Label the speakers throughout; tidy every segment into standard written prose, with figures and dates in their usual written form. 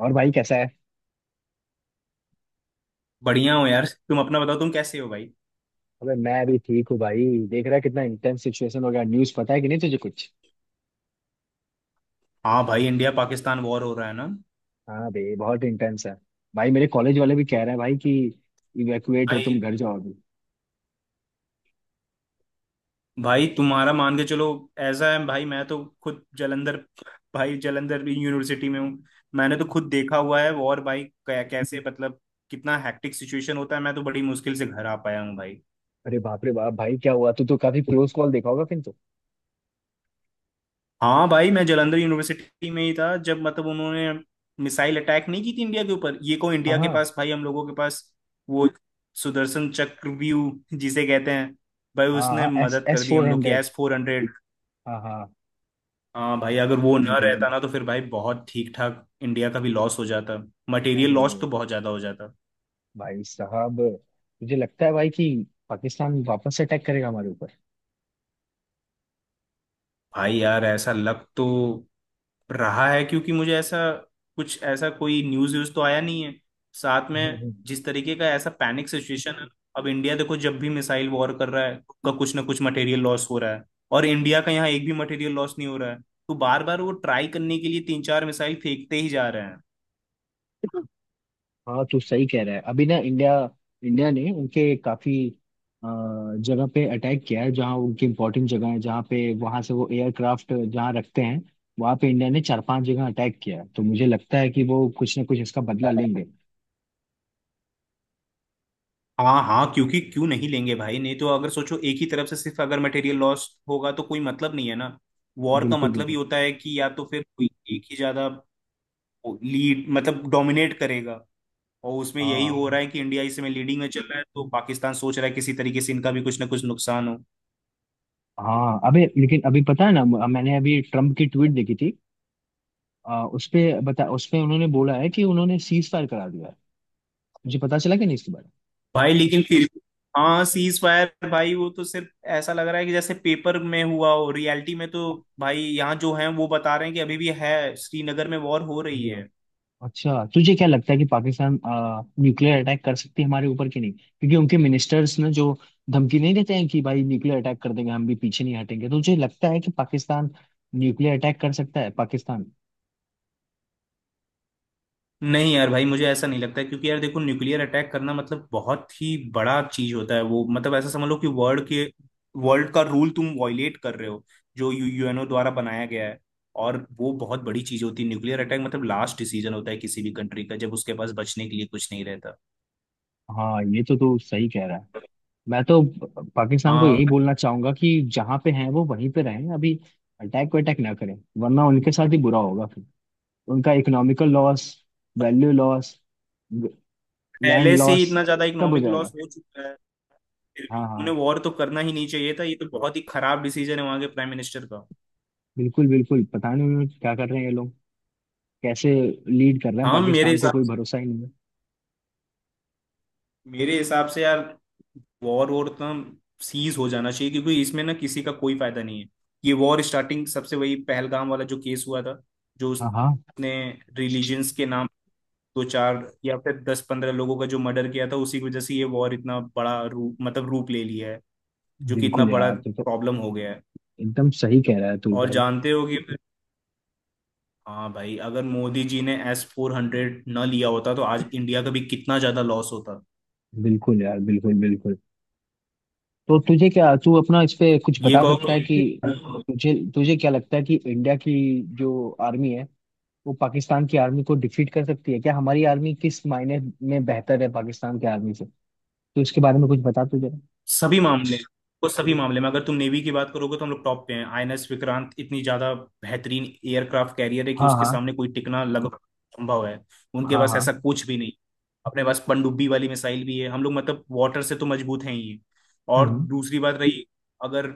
Speaker 1: और भाई कैसा है?
Speaker 2: बढ़िया हो यार। तुम अपना बताओ, तुम कैसे हो भाई?
Speaker 1: अबे मैं भी ठीक हूँ भाई। देख रहा है कितना इंटेंस सिचुएशन हो गया। न्यूज़ पता है कि नहीं तुझे कुछ?
Speaker 2: हाँ भाई, इंडिया पाकिस्तान वॉर हो रहा है ना।
Speaker 1: हाँ बे बहुत इंटेंस है। भाई मेरे कॉलेज वाले भी कह रहे हैं भाई कि इवैक्यूएट हो तुम
Speaker 2: भाई
Speaker 1: घर जाओ अभी।
Speaker 2: भाई तुम्हारा मान के चलो। ऐसा है भाई, मैं तो खुद जालंधर, भाई जालंधर यूनिवर्सिटी में हूँ। मैंने तो खुद देखा हुआ है वॉर भाई। कैसे मतलब कितना हैक्टिक सिचुएशन होता है। मैं तो बड़ी मुश्किल से घर आ पाया हूँ भाई।
Speaker 1: अरे बाप रे बाप भाई क्या हुआ? तू तो काफी क्लोज कॉल देखा होगा किंतु।
Speaker 2: हाँ भाई, मैं जलंधर यूनिवर्सिटी में ही था जब मतलब उन्होंने मिसाइल अटैक नहीं की थी इंडिया के ऊपर, ये को
Speaker 1: हाँ
Speaker 2: इंडिया के
Speaker 1: हाँ।
Speaker 2: पास, भाई हम लोगों के पास वो सुदर्शन चक्रव्यूह जिसे कहते हैं, भाई
Speaker 1: हाँ
Speaker 2: उसने
Speaker 1: हाँ एस
Speaker 2: मदद कर
Speaker 1: एस
Speaker 2: दी
Speaker 1: फोर
Speaker 2: हम लोग की,
Speaker 1: हंड्रेड।
Speaker 2: S-400।
Speaker 1: हाँ हाँ।
Speaker 2: हाँ भाई, अगर वो ना रहता ना, तो फिर भाई बहुत ठीक ठाक इंडिया का भी लॉस हो जाता। मटेरियल लॉस तो
Speaker 1: अरे
Speaker 2: बहुत ज्यादा हो जाता।
Speaker 1: भाई साहब मुझे लगता है भाई कि पाकिस्तान वापस अटैक करेगा हमारे ऊपर।
Speaker 2: भाई यार ऐसा लक तो रहा है, क्योंकि मुझे ऐसा कुछ, ऐसा कोई न्यूज़ व्यूज़ तो आया नहीं है। साथ
Speaker 1: हम्म,
Speaker 2: में
Speaker 1: हम्म।
Speaker 2: जिस तरीके का ऐसा पैनिक सिचुएशन है। अब इंडिया देखो, जब भी मिसाइल वॉर कर रहा है उसका कुछ ना कुछ मटेरियल लॉस हो रहा है, और इंडिया का यहाँ एक भी मटेरियल लॉस नहीं हो रहा है। तो बार बार वो ट्राई करने के लिए तीन चार मिसाइल फेंकते ही जा रहे हैं।
Speaker 1: हाँ तू सही कह रहा है। अभी ना इंडिया इंडिया ने उनके काफी अ, जगह पे अटैक किया है जहाँ उनकी इम्पोर्टेंट जगह है, जहाँ पे वहां से वो एयरक्राफ्ट जहाँ रखते हैं। वहां पे इंडिया ने चार पांच जगह अटैक किया है, तो मुझे लगता है कि वो कुछ ना कुछ इसका बदला लेंगे।
Speaker 2: हाँ हाँ, क्योंकि क्यों नहीं लेंगे भाई? नहीं तो अगर सोचो, एक ही तरफ से सिर्फ अगर मटेरियल लॉस होगा तो कोई मतलब नहीं है ना। वॉर का
Speaker 1: बिल्कुल
Speaker 2: मतलब ही
Speaker 1: बिल्कुल।
Speaker 2: होता है कि या तो फिर कोई एक ही ज्यादा लीड, मतलब डोमिनेट करेगा। और उसमें यही हो
Speaker 1: हाँ
Speaker 2: रहा है कि इंडिया इस समय लीडिंग में चल रहा है तो पाकिस्तान सोच रहा है किसी तरीके से इनका भी कुछ ना कुछ नुकसान हो।
Speaker 1: हाँ। अबे लेकिन अभी पता है ना, मैंने अभी ट्रम्प की ट्वीट देखी थी। उसपे बता। उसपे उन्होंने बोला है कि उन्होंने सीज फायर करा दिया है। मुझे पता चला कि नहीं इसके बारे
Speaker 2: भाई लेकिन फिर, हाँ, सीज फायर भाई वो तो सिर्फ ऐसा लग रहा है कि जैसे पेपर में हुआ हो, रियलिटी में तो भाई यहाँ जो है वो बता रहे हैं कि अभी भी है, श्रीनगर में वॉर हो रही
Speaker 1: में?
Speaker 2: है।
Speaker 1: अच्छा तुझे क्या लगता है कि पाकिस्तान न्यूक्लियर अटैक कर सकती है हमारे ऊपर कि नहीं? क्योंकि उनके मिनिस्टर्स ने जो धमकी नहीं देते हैं कि भाई न्यूक्लियर अटैक कर देंगे हम भी पीछे नहीं हटेंगे, तो तुझे लगता है कि पाकिस्तान न्यूक्लियर अटैक कर सकता है पाकिस्तान?
Speaker 2: नहीं यार भाई, मुझे ऐसा नहीं लगता है, क्योंकि यार देखो, न्यूक्लियर अटैक करना मतलब बहुत ही बड़ा चीज होता है। वो मतलब ऐसा समझ लो कि वर्ल्ड के, वर्ल्ड का रूल तुम वॉयलेट कर रहे हो जो यू यूएनओ द्वारा बनाया गया है। और वो बहुत बड़ी चीज होती है, न्यूक्लियर अटैक मतलब लास्ट डिसीजन होता है किसी भी कंट्री का, जब उसके पास बचने के लिए कुछ नहीं रहता।
Speaker 1: हाँ ये तो तू सही कह रहा है। मैं तो पाकिस्तान को
Speaker 2: आ,
Speaker 1: यही बोलना चाहूंगा कि जहाँ पे हैं वो वहीं पे रहें अभी। अटैक वटैक ना करें। वरना उनके साथ ही बुरा होगा फिर। उनका economical loss, value loss, land
Speaker 2: पहले से ही
Speaker 1: लॉस
Speaker 2: इतना ज्यादा
Speaker 1: सब हो
Speaker 2: इकोनॉमिक लॉस
Speaker 1: जाएगा।
Speaker 2: हो चुका है। फिर
Speaker 1: हाँ
Speaker 2: भी
Speaker 1: हाँ।
Speaker 2: उन्हें वॉर तो करना ही नहीं चाहिए था, ये तो बहुत ही खराब डिसीजन है वहां के प्राइम मिनिस्टर का।
Speaker 1: बिल्कुल बिल्कुल, पता नहीं उन्होंने क्या कर रहे हैं ये लोग। कैसे लीड कर रहे हैं
Speaker 2: हाँ, मेरे
Speaker 1: पाकिस्तान को?
Speaker 2: हिसाब
Speaker 1: कोई भरोसा ही नहीं है।
Speaker 2: मेरे हिसाब से यार, वॉर वॉर तो सीज हो जाना चाहिए क्योंकि इसमें ना किसी का कोई फायदा नहीं है। ये वॉर स्टार्टिंग सबसे वही पहलगाम वाला जो केस हुआ था, जो
Speaker 1: हाँ हाँ।
Speaker 2: उसने रिलीजन्स के नाम दो चार या फिर 10 15 लोगों का जो मर्डर किया था, उसी की वजह से ये वॉर इतना बड़ा रूप, मतलब रूप ले लिया है, जो कि इतना
Speaker 1: बिल्कुल
Speaker 2: बड़ा
Speaker 1: यार तू तो
Speaker 2: प्रॉब्लम हो गया है।
Speaker 1: एकदम सही कह रहा है तू
Speaker 2: और
Speaker 1: भाई।
Speaker 2: जानते हो कि, हाँ भाई, अगर मोदी जी ने S-400 न लिया होता तो आज इंडिया का भी कितना ज्यादा लॉस होता।
Speaker 1: बिल्कुल यार, बिल्कुल बिल्कुल। तो तुझे क्या, तू अपना इस पे कुछ
Speaker 2: ये
Speaker 1: बता
Speaker 2: कहो,
Speaker 1: सकता है कि तुझे तुझे क्या लगता है कि इंडिया की जो आर्मी है वो पाकिस्तान की आर्मी को डिफीट कर सकती है क्या? हमारी आर्मी किस मायने में बेहतर है पाकिस्तान की आर्मी से, तो इसके बारे में कुछ बता तुझे।
Speaker 2: सभी मामले वो सभी मामले में अगर तुम नेवी की बात करोगे तो हम लोग टॉप पे हैं। आईएनएस विक्रांत इतनी ज्यादा बेहतरीन एयरक्राफ्ट कैरियर है कि
Speaker 1: हाँ
Speaker 2: उसके
Speaker 1: हाँ।
Speaker 2: सामने कोई टिकना लगभग संभव है। उनके
Speaker 1: हाँ
Speaker 2: पास ऐसा
Speaker 1: हाँ।
Speaker 2: कुछ भी नहीं। अपने पास पनडुब्बी वाली मिसाइल भी है हम लोग, मतलब वाटर से तो मजबूत हैं ही। और
Speaker 1: हम्म।
Speaker 2: दूसरी बात रही, अगर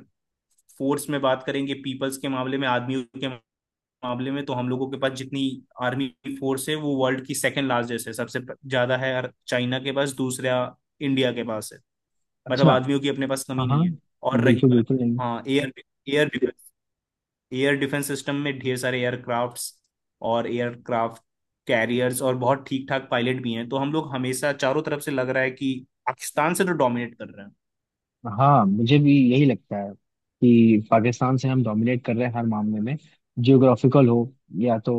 Speaker 2: फोर्स में बात करेंगे, पीपल्स के मामले में, आदमियों के मामले में, तो हम लोगों के पास जितनी आर्मी फोर्स है वो वर्ल्ड की सेकंड लार्जेस्ट है, सबसे ज्यादा है। चाइना के पास, दूसरा इंडिया के पास है। मतलब
Speaker 1: अच्छा।
Speaker 2: आदमियों की अपने पास
Speaker 1: हाँ
Speaker 2: कमी
Speaker 1: हाँ।
Speaker 2: नहीं है। और रही
Speaker 1: बिल्कुल
Speaker 2: बात,
Speaker 1: बिल्कुल।
Speaker 2: हाँ, air air defence air defence system में ढेर सारे एयरक्राफ्ट्स और एयरक्राफ्ट कैरियर्स और बहुत ठीक ठाक पायलट भी हैं, तो हम लोग हमेशा चारों तरफ से लग रहा है कि पाकिस्तान से तो डोमिनेट कर रहे हैं।
Speaker 1: हाँ मुझे भी यही लगता है कि पाकिस्तान से हम डोमिनेट कर रहे हैं हर मामले में। जियोग्राफिकल हो या तो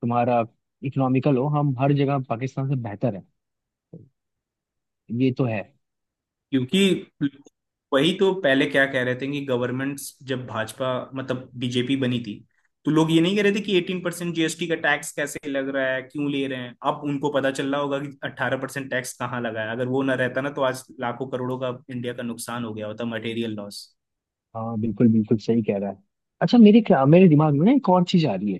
Speaker 1: तुम्हारा इकोनॉमिकल हो, हम हर जगह पाकिस्तान से बेहतर है। ये तो है।
Speaker 2: क्योंकि वही तो पहले क्या कह रहे थे कि गवर्नमेंट्स जब भाजपा, मतलब बीजेपी बनी थी, तो लोग ये नहीं कह रहे थे कि 18% जीएसटी का टैक्स कैसे लग रहा है, क्यों ले रहे हैं। अब उनको पता चल रहा होगा कि 18% टैक्स कहाँ लगा है। अगर वो ना रहता ना, तो आज लाखों करोड़ों का इंडिया का नुकसान हो गया होता, मटेरियल लॉस।
Speaker 1: हाँ बिल्कुल बिल्कुल सही कह रहा है। अच्छा मेरे क्या, मेरे दिमाग में ना एक और चीज आ रही है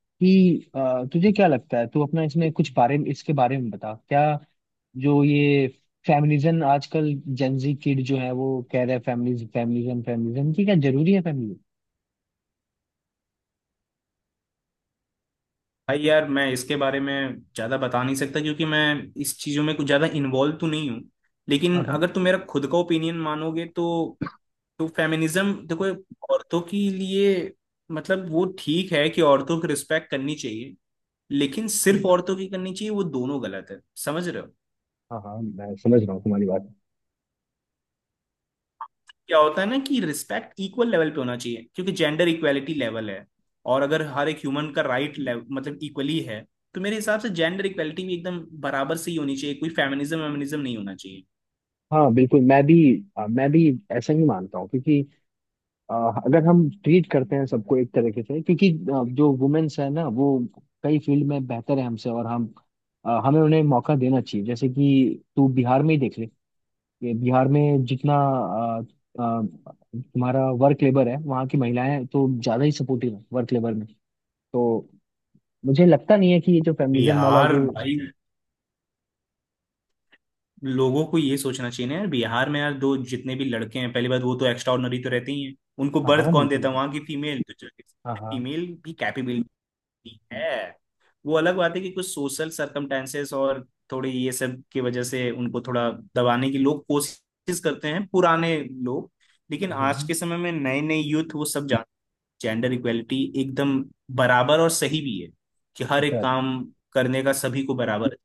Speaker 1: कि तुझे क्या लगता है, तू अपना इसमें कुछ बारे में इसके बारे में बता, क्या जो ये फेमिनिज्म आजकल जेंजी किड जो है वो कह रहे हैं, फेमिनिज्म फेमिनिज्म फेमिनिज्म, कि क्या जरूरी है फेमिनिज्म?
Speaker 2: भाई यार, मैं इसके बारे में ज्यादा बता नहीं सकता क्योंकि मैं इस चीजों में कुछ ज्यादा इन्वॉल्व तो नहीं हूँ।
Speaker 1: हाँ
Speaker 2: लेकिन
Speaker 1: हाँ।
Speaker 2: अगर तुम मेरा खुद का ओपिनियन मानोगे तो फेमिनिज्म देखो, औरतों के लिए, मतलब वो ठीक है कि औरतों की रिस्पेक्ट करनी चाहिए। लेकिन सिर्फ औरतों की करनी चाहिए, वो दोनों गलत है, समझ रहे हो?
Speaker 1: हाँ हाँ, मैं समझ रहा हूँ तुम्हारी बात।
Speaker 2: क्या होता है ना कि रिस्पेक्ट इक्वल लेवल पे होना चाहिए, क्योंकि जेंडर इक्वालिटी लेवल है। और अगर हर एक ह्यूमन का राइट मतलब इक्वली है, तो मेरे हिसाब से जेंडर इक्वालिटी भी एकदम बराबर से ही होनी चाहिए, कोई फेमिनिज्म वेमिनिज्म नहीं होना चाहिए।
Speaker 1: हाँ बिल्कुल, मैं भी मैं भी ऐसा ही मानता हूँ क्योंकि अ, अगर हम ट्रीट करते हैं सबको एक तरीके से। क्योंकि जो वुमेन्स है ना वो कई फील्ड में बेहतर है हमसे, और हम हमें उन्हें मौका देना चाहिए। जैसे कि तू बिहार में ही देख ले। ये बिहार में जितना अ, तुम्हारा वर्क लेबर है, वहाँ की महिलाएं तो ज़्यादा ही सपोर्टिव है वर्क लेबर में। तो मुझे लगता नहीं है कि ये जो फेमिनिज्म वाला
Speaker 2: यार
Speaker 1: जो...
Speaker 2: भाई, लोगों को ये सोचना चाहिए ना यार। बिहार में यार दो, जितने भी लड़के हैं पहली बात वो तो एक्स्ट्रा ऑर्डिनरी तो रहते ही हैं। उनको
Speaker 1: हाँ
Speaker 2: बर्थ
Speaker 1: हाँ
Speaker 2: कौन
Speaker 1: बिल्कुल
Speaker 2: देता है?
Speaker 1: बिल्कुल।
Speaker 2: वहां की फीमेल तो।
Speaker 1: हाँ हाँ।
Speaker 2: फीमेल भी कैपेबिलिटी है। वो अलग बात है कि कुछ सोशल सर्कमटेंसेस और थोड़े ये सब की वजह से उनको थोड़ा दबाने की लोग कोशिश करते हैं, पुराने लोग। लेकिन आज
Speaker 1: हम्म,
Speaker 2: के समय में नए नए यूथ वो सब जान, जेंडर इक्वेलिटी एकदम बराबर और सही भी है कि हर एक
Speaker 1: अच्छा।
Speaker 2: काम करने का सभी को बराबर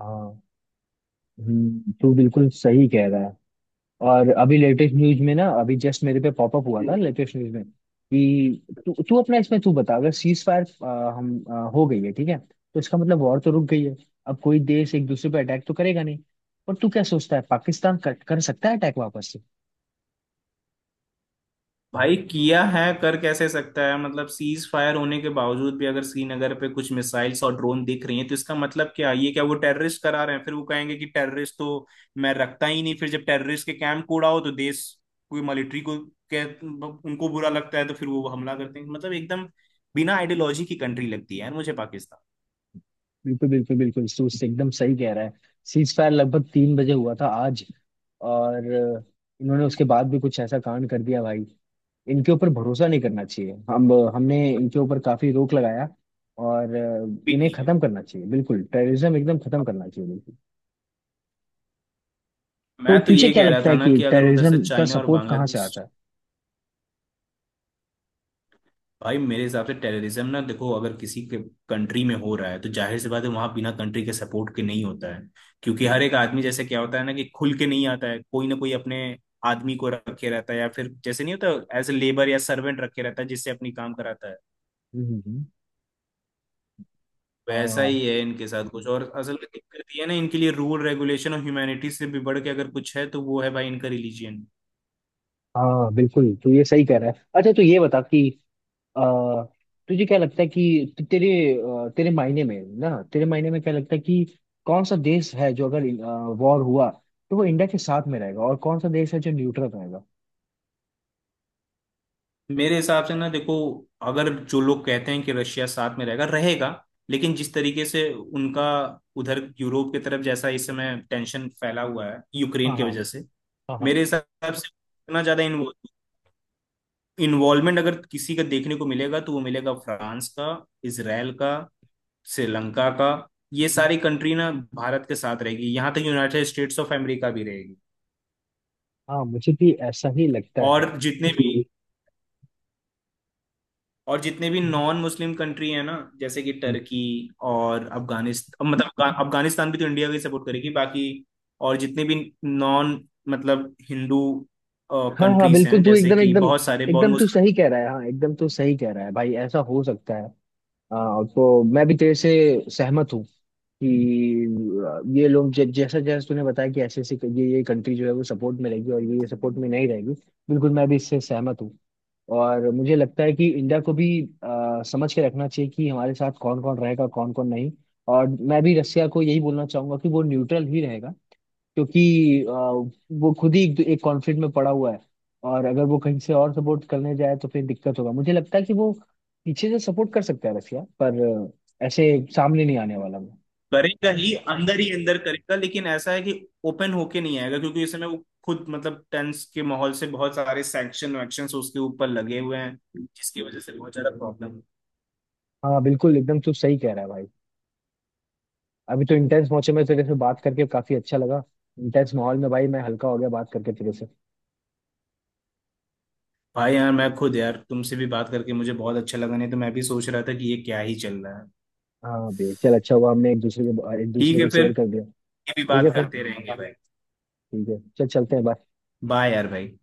Speaker 1: हाँ। तू बिल्कुल सही कह रहा है। और अभी लेटेस्ट न्यूज में ना, अभी जस्ट मेरे पे पॉपअप हुआ था
Speaker 2: है।
Speaker 1: लेटेस्ट न्यूज में कि तू तू अपना इसमें तू बता, अगर सीज फायर हम हो गई है ठीक है, तो इसका मतलब वॉर तो रुक गई है। अब कोई देश एक दूसरे पे अटैक तो करेगा नहीं। और तू क्या सोचता है पाकिस्तान कर सकता है अटैक वापस से?
Speaker 2: भाई किया है, कर कैसे सकता है? मतलब सीज फायर होने के बावजूद भी अगर श्रीनगर पे कुछ मिसाइल्स और ड्रोन दिख रही हैं, तो इसका मतलब क्या? ये क्या वो टेररिस्ट करा रहे हैं? फिर वो कहेंगे कि टेररिस्ट तो मैं रखता ही नहीं। फिर जब टेररिस्ट के कैंप कूड़ा हो तो देश कोई मिलिट्री को के उनको बुरा लगता है तो फिर वो हमला करते हैं, मतलब एकदम बिना आइडियोलॉजी की कंट्री लगती है यार मुझे पाकिस्तान।
Speaker 1: बिल्कुल बिल्कुल बिल्कुल तू उससे एकदम सही कह रहा है। सीज फायर लगभग 3 बजे हुआ था आज। और इन्होंने उसके बाद भी कुछ ऐसा कांड कर दिया भाई। इनके ऊपर भरोसा नहीं करना चाहिए। हम हमने इनके ऊपर काफी रोक लगाया। और
Speaker 2: भी
Speaker 1: इन्हें
Speaker 2: नहीं,
Speaker 1: खत्म करना चाहिए बिल्कुल। टेररिज्म एकदम खत्म करना चाहिए बिल्कुल। तो
Speaker 2: मैं तो
Speaker 1: तुझे
Speaker 2: ये
Speaker 1: क्या
Speaker 2: कह रहा
Speaker 1: लगता
Speaker 2: था
Speaker 1: है
Speaker 2: ना
Speaker 1: कि
Speaker 2: कि अगर उधर से
Speaker 1: टेररिज्म का
Speaker 2: चाइना और
Speaker 1: सपोर्ट कहाँ से
Speaker 2: बांग्लादेश,
Speaker 1: आता है?
Speaker 2: भाई मेरे हिसाब से टेररिज्म ना देखो, अगर किसी के कंट्री में हो रहा है तो जाहिर सी बात है वहां बिना कंट्री के सपोर्ट के नहीं होता है। क्योंकि हर एक आदमी जैसे, क्या होता है ना कि खुल के नहीं आता है, कोई ना कोई अपने आदमी को रखे रहता है या फिर जैसे नहीं होता, एज ए लेबर या सर्वेंट रखे रहता है, जिससे अपनी काम कराता है।
Speaker 1: हम्म।
Speaker 2: वैसा
Speaker 1: हाँ
Speaker 2: ही है इनके साथ कुछ और। असल में दिक्कत ये है ना, इनके लिए रूल रेगुलेशन और ह्यूमैनिटी से भी बढ़ के अगर कुछ है तो वो है भाई इनका रिलीजियन।
Speaker 1: हाँ बिल्कुल तू ये सही कह रहा है। अच्छा तू ये बता कि अ, तुझे क्या लगता है कि तेरे तेरे मायने में ना, तेरे मायने में क्या लगता है कि कौन सा देश है जो अगर वॉर हुआ तो वो इंडिया के साथ में रहेगा, और कौन सा देश है जो न्यूट्रल रहेगा?
Speaker 2: मेरे हिसाब से ना देखो, अगर जो लोग कहते हैं कि रशिया साथ में रहेगा, रहेगा, लेकिन जिस तरीके से उनका उधर यूरोप की तरफ जैसा इस समय टेंशन फैला हुआ है
Speaker 1: हाँ
Speaker 2: यूक्रेन की
Speaker 1: हाँ।
Speaker 2: वजह से,
Speaker 1: हाँ हाँ।
Speaker 2: मेरे
Speaker 1: हाँ
Speaker 2: हिसाब से इतना ज्यादा इन्वॉल्वमेंट अगर किसी का देखने को मिलेगा तो वो मिलेगा फ्रांस का, इसराइल का, श्रीलंका का। ये सारी कंट्री ना भारत के साथ रहेगी, यहाँ तक यूनाइटेड स्टेट्स ऑफ अमेरिका भी रहेगी।
Speaker 1: हाँ, मुझे भी ऐसा ही लगता
Speaker 2: और
Speaker 1: है।
Speaker 2: जितने भी, नॉन मुस्लिम कंट्री है ना, जैसे कि टर्की और अफगानिस्तान, मतलब अफगानिस्तान भी तो इंडिया की सपोर्ट करेगी, बाकी और जितने भी नॉन, मतलब हिंदू
Speaker 1: हाँ हाँ
Speaker 2: कंट्रीज
Speaker 1: बिल्कुल
Speaker 2: हैं,
Speaker 1: तू
Speaker 2: जैसे
Speaker 1: एकदम
Speaker 2: कि
Speaker 1: एकदम
Speaker 2: बहुत सारे, बहुत
Speaker 1: एकदम तू
Speaker 2: मुस्लिम
Speaker 1: सही कह रहा है। हाँ एकदम तू सही कह रहा है भाई, ऐसा हो सकता है। हाँ तो मैं भी तेरे से सहमत हूँ कि ये लोग जैसा जैसा तूने बताया कि ऐसे ऐसे ये कंट्री जो है वो सपोर्ट में रहेगी और ये सपोर्ट में नहीं रहेगी। बिल्कुल मैं भी इससे सहमत हूँ। और मुझे लगता है कि इंडिया को भी समझ के रखना चाहिए कि हमारे साथ कौन कौन रहेगा, कौन कौन नहीं। और मैं भी रसिया को यही बोलना चाहूंगा कि वो न्यूट्रल ही रहेगा, क्योंकि वो खुद ही एक कॉन्फ्लिक्ट में पड़ा हुआ है। और अगर वो कहीं से और सपोर्ट करने जाए तो फिर दिक्कत होगा। मुझे लगता है कि वो पीछे से सपोर्ट कर सकता है रसिया, पर ऐसे सामने नहीं आने वाला वो।
Speaker 2: करेगा ही, अंदर ही अंदर करेगा, लेकिन ऐसा है कि ओपन होके नहीं आएगा, क्योंकि इस समय वो खुद मतलब टेंस के माहौल से बहुत सारे सैंक्शन वैक्शन उसके ऊपर लगे हुए हैं, जिसकी वजह से बहुत ज्यादा प्रॉब्लम।
Speaker 1: हाँ बिल्कुल एकदम तू सही कह रहा है भाई। अभी तो इंटेंस मौके में तेरे से बात करके काफी अच्छा लगा। इंटेंस माहौल में भाई मैं हल्का हो गया बात करके तेरे से।
Speaker 2: भाई यार, मैं खुद यार तुमसे भी बात करके मुझे बहुत अच्छा लगा, नहीं तो मैं भी सोच रहा था कि ये क्या ही चल रहा है।
Speaker 1: हाँ बे चल, अच्छा हुआ हमने एक दूसरे को एक दूसरे
Speaker 2: ठीक है
Speaker 1: को
Speaker 2: फिर,
Speaker 1: शेयर कर दिया।
Speaker 2: ये भी
Speaker 1: ठीक है
Speaker 2: बात
Speaker 1: फिर।
Speaker 2: करते रहेंगे भाई।
Speaker 1: ठीक है चल चलते हैं bye।
Speaker 2: बाय यार भाई।